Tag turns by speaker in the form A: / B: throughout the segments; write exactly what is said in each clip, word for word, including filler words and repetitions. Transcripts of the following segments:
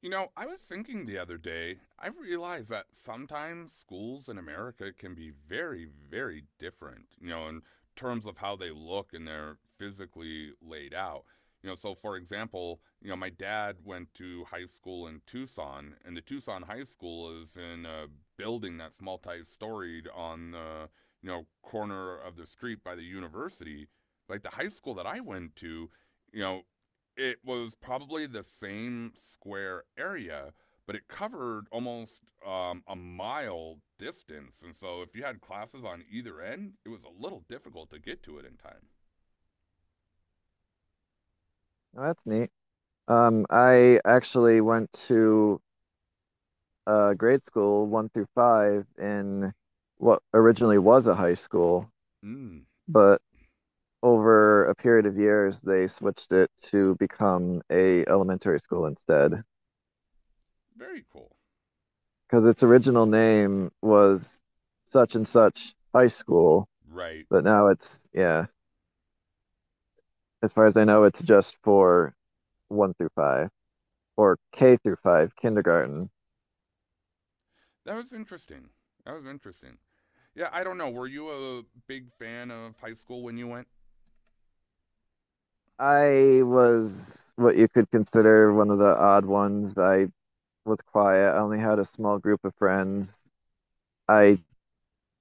A: You know, I was thinking the other day, I realized that sometimes schools in America can be very, very different, you know, in terms of how they look and they're physically laid out. You know, so for example, you know, my dad went to high school in Tucson, and the Tucson High School is in a building that's multi-storied on the, you know, corner of the street by the university. Like the high school that I went to, you know, it was probably the same square area, but it covered almost um, a mile distance. And so if you had classes on either end, it was a little difficult to get to it in time.
B: Oh, that's neat. Um, I actually went to uh, grade school one through five in what originally was a high school,
A: Mm,
B: but over a period of years they switched it to become a elementary school instead,
A: very cool.
B: because its original name was such and such high school,
A: Right.
B: but now it's, yeah, as far as I know, it's just for one through five or K through five kindergarten.
A: That was interesting. That was interesting. Yeah, I don't know. Were you a big fan of high school when you went?
B: I was what you could consider one of the odd ones. I was quiet. I only had a small group of friends. I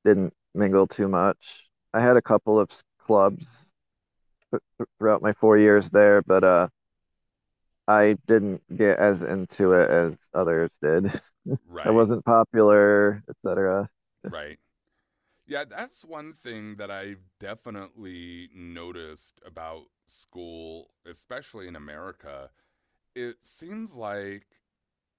B: didn't mingle too much. I had a couple of s- clubs throughout my four years there, but uh, I didn't get as into it as others did. I
A: Right,
B: wasn't popular, et cetera.
A: right. Yeah, that's one thing that I've definitely noticed about school, especially in America it seems like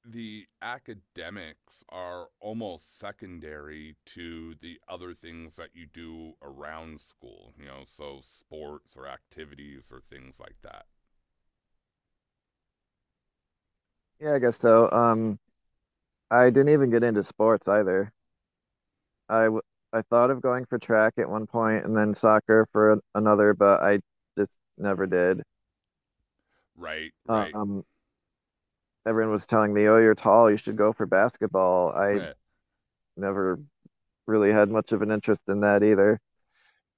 A: the academics are almost secondary to the other things that you do around school, you know, so sports or activities or things like that.
B: Yeah, I guess so. Um, I didn't even get into sports either. I w I thought of going for track at one point and then soccer for an another, but I just never did.
A: Right, right.
B: Um, Everyone was telling me, "Oh, you're tall. You should go for basketball." I never really had much of an interest in that either.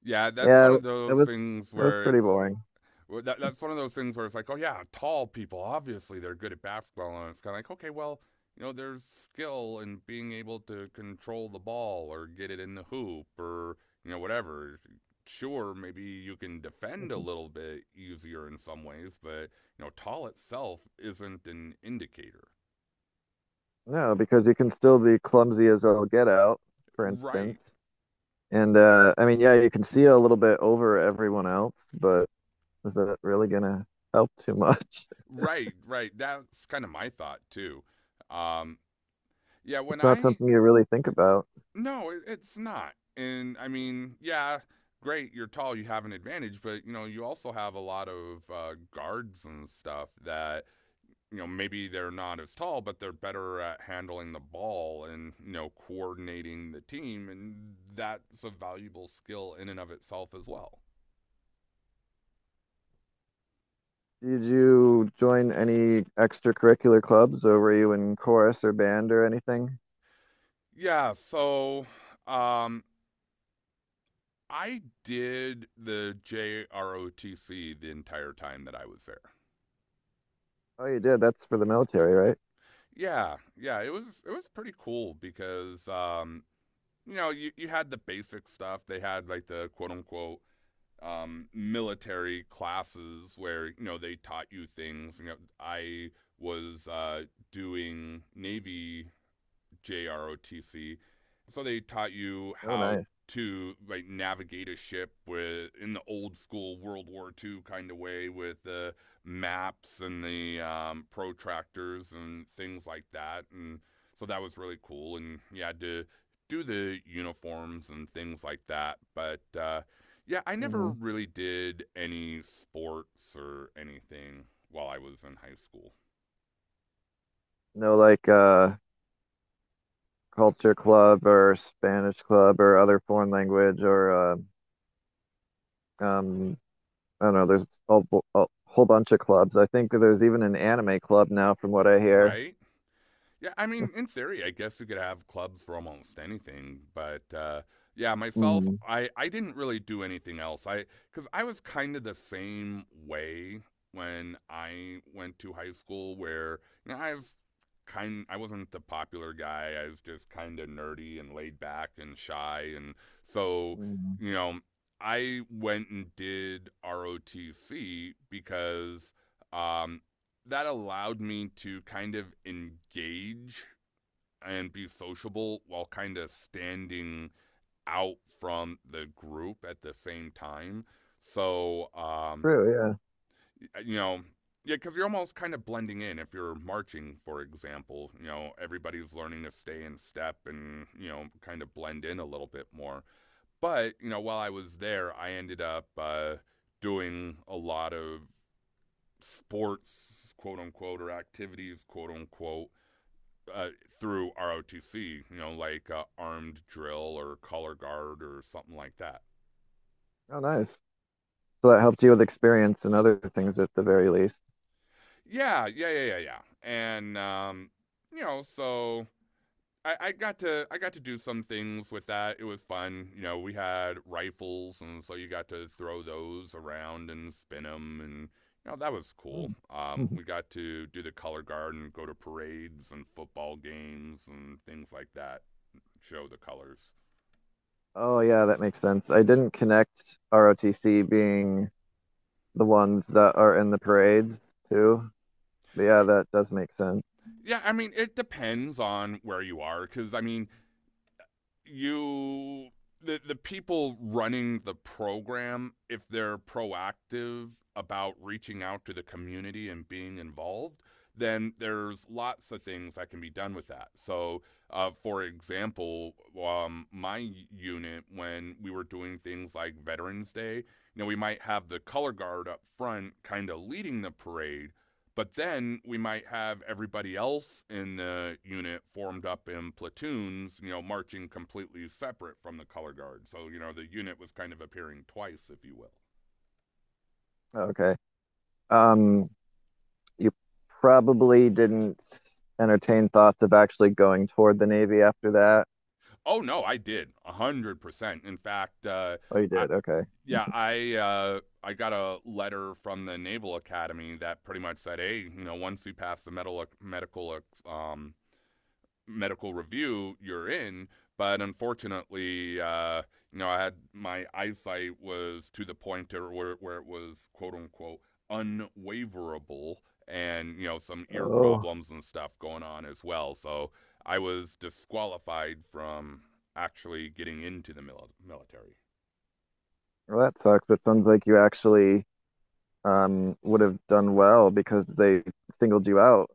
A: Yeah, that's
B: Yeah,
A: one of
B: it
A: those
B: was
A: things
B: it was
A: where
B: pretty
A: it's.
B: boring.
A: Well, that, that's one of those things where it's like, oh yeah, tall people obviously they're good at basketball, and it's kind of like, okay, well, you know, there's skill in being able to control the ball or get it in the hoop or you know whatever. Sure, maybe you can defend a little bit easier in some ways, but you know, tall itself isn't an indicator.
B: No, because you can still be clumsy as all get out, for
A: Right,
B: instance. And uh, I mean, yeah, you can see a little bit over everyone else, but is that really gonna help too much?
A: right, right. That's kind of my thought too. Um, yeah, when
B: It's not
A: I
B: something you really think about.
A: No, it's not. And I mean, yeah, great, you're tall, you have an advantage, but you know, you also have a lot of uh, guards and stuff that you know maybe they're not as tall, but they're better at handling the ball and you know coordinating the team, and that's a valuable skill in and of itself as well.
B: Did you join any extracurricular clubs, or were you in chorus or band or anything?
A: Yeah, so um, I did the J R O T C the entire time that I was there.
B: Oh, you did. That's for the military, right?
A: Yeah, yeah, it was it was pretty cool because um, you know you you had the basic stuff. They had like the quote unquote um, military classes where you know they taught you things. You know, I was uh, doing Navy J R O T C. So they taught you
B: Oh,
A: how
B: nice.
A: to like navigate a ship with in the old school World War Two kind of way with the maps and the um, protractors and things like that. And so that was really cool. And you had to do the uniforms and things like that. But uh, yeah, I never
B: Hmm.
A: really did any sports or anything while I was in high school.
B: No, like uh, culture club or Spanish club or other foreign language or uh, um, I don't know. There's a, bu- a whole bunch of clubs. I think that there's even an anime club now, from what I hear.
A: Right? Yeah, I mean, in theory, I guess you could have clubs for almost anything, but uh, yeah, myself,
B: Hmm.
A: I I didn't really do anything else. I Because I was kind of the same way when I went to high school, where you know I was kind, I wasn't the popular guy. I was just kind of nerdy and laid back and shy, and so
B: Hmm.
A: you know I went and did R O T C because. Um, that allowed me to kind of engage and be sociable while kind of standing out from the group at the same time. So, um,
B: True. Yeah.
A: you know, yeah, because you're almost kind of blending in. If you're marching, for example, you know, everybody's learning to stay in step and, you know, kind of blend in a little bit more. But, you know, while I was there, I ended up uh, doing a lot of sports, quote unquote, or activities, quote unquote, uh, through R O T C, you know, like uh, armed drill or color guard or something like that.
B: Oh, nice. So that helped you with experience and other things at the very least.
A: Yeah, yeah, yeah, yeah, yeah. And um, you know, so I, I got to I got to do some things with that. It was fun. You know, we had rifles, and so you got to throw those around and spin them, and you know that was cool.
B: Mm.
A: Um,
B: Mhm.
A: we got to do the color guard and go to parades and football games and things like that. Show the colors.
B: Oh, yeah, that makes sense. I didn't connect R O T C being the ones that are in the parades too. But yeah, that does make sense.
A: Yeah, I mean, it depends on where you are because, I mean, you, the, the people running the program, if they're proactive about reaching out to the community and being involved, then there's lots of things that can be done with that. So, uh, for example, um, my unit, when we were doing things like Veterans Day, you know, we might have the color guard up front kind of leading the parade, but then we might have everybody else in the unit formed up in platoons, you know, marching completely separate from the color guard. So, you know, the unit was kind of appearing twice, if you will.
B: Okay. Um, you probably didn't entertain thoughts of actually going toward the Navy after that.
A: Oh, no, I did. one hundred percent. In fact, uh,
B: Oh, you
A: I,
B: did. Okay.
A: yeah, I uh, I got a letter from the Naval Academy that pretty much said, "Hey, you know, once you pass the medical medical um, medical review you're in. But unfortunately, uh, you know, I had my eyesight was to the point where, where it was quote unquote unwaverable and, you know, some ear
B: Oh,
A: problems and stuff going on as well. So I was disqualified from actually getting into the mil- military.
B: well, that sucks. It sounds like you actually um, would have done well because they singled you out.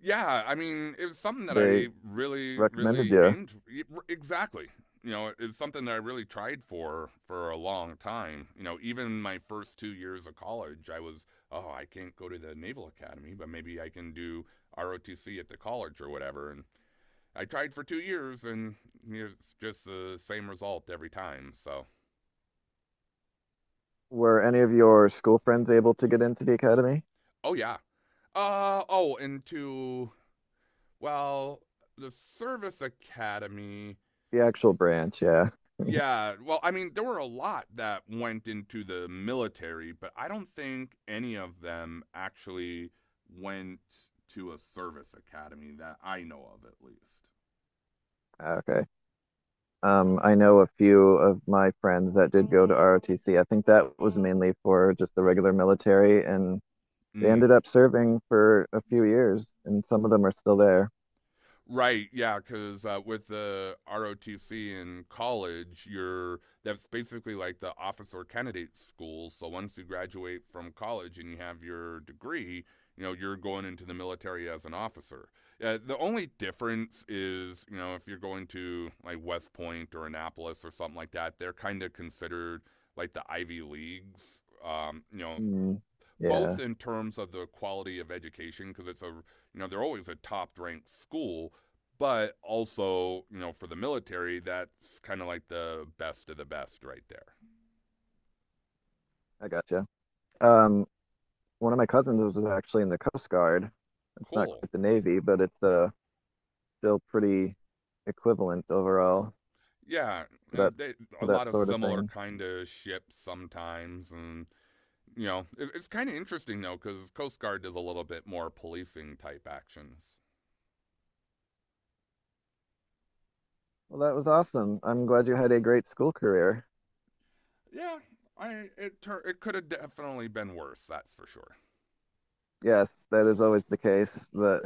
A: Yeah, I mean, it was something that
B: They
A: I really,
B: recommended
A: really
B: you.
A: aimed for. Exactly. You know, it's something that I really tried for for a long time. You know, even my first two years of college, I was, oh, I can't go to the Naval Academy, but maybe I can do R O T C at the college or whatever. And I tried for two years, and it's just the same result every time. So,
B: Were any of your school friends able to get into the academy?
A: oh yeah. Uh oh, and to well, the Service Academy.
B: The actual branch, yeah.
A: Yeah, well, I mean, there were a lot that went into the military, but I don't think any of them actually went to a service academy that I know of, at least.
B: Ah, okay. Um, I know a few of my friends that did go to R O T C. I think that was mainly for just the regular military and they
A: Mm.
B: ended up serving for a few years, and some of them are still there.
A: Right, yeah, because uh, with the R O T C in college, you're that's basically like the officer candidate school. So once you graduate from college and you have your degree, you know you're going into the military as an officer. Uh, the only difference is, you know, if you're going to like West Point or Annapolis or something like that, they're kind of considered like the Ivy Leagues. Um, you know,
B: Mm,
A: both
B: yeah,
A: in terms of the quality of education because it's a you know they're always a top ranked school but also you know for the military that's kind of like the best of the best right there.
B: I gotcha.
A: Yeah,
B: Um, one of my cousins was actually in the Coast Guard. It's not
A: cool.
B: quite the Navy, but it's uh, still pretty equivalent overall
A: Yeah,
B: to
A: uh,
B: that,
A: they,
B: to
A: a
B: that
A: lot of
B: sort of
A: similar
B: thing.
A: kind of ships sometimes and you know it, it's kind of interesting though because coast guard does a little bit more policing type actions.
B: Well, that was awesome. I'm glad you had a great school career.
A: Yeah, i it, it could have definitely been worse. That's for sure.
B: Yes, that is always the case, but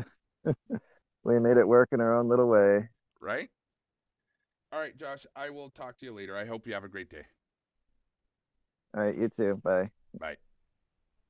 B: we made it work in our own little way.
A: Right. All right, Josh, I will talk to you later. I hope you have a great day.
B: All right, you too. Bye.
A: Bye.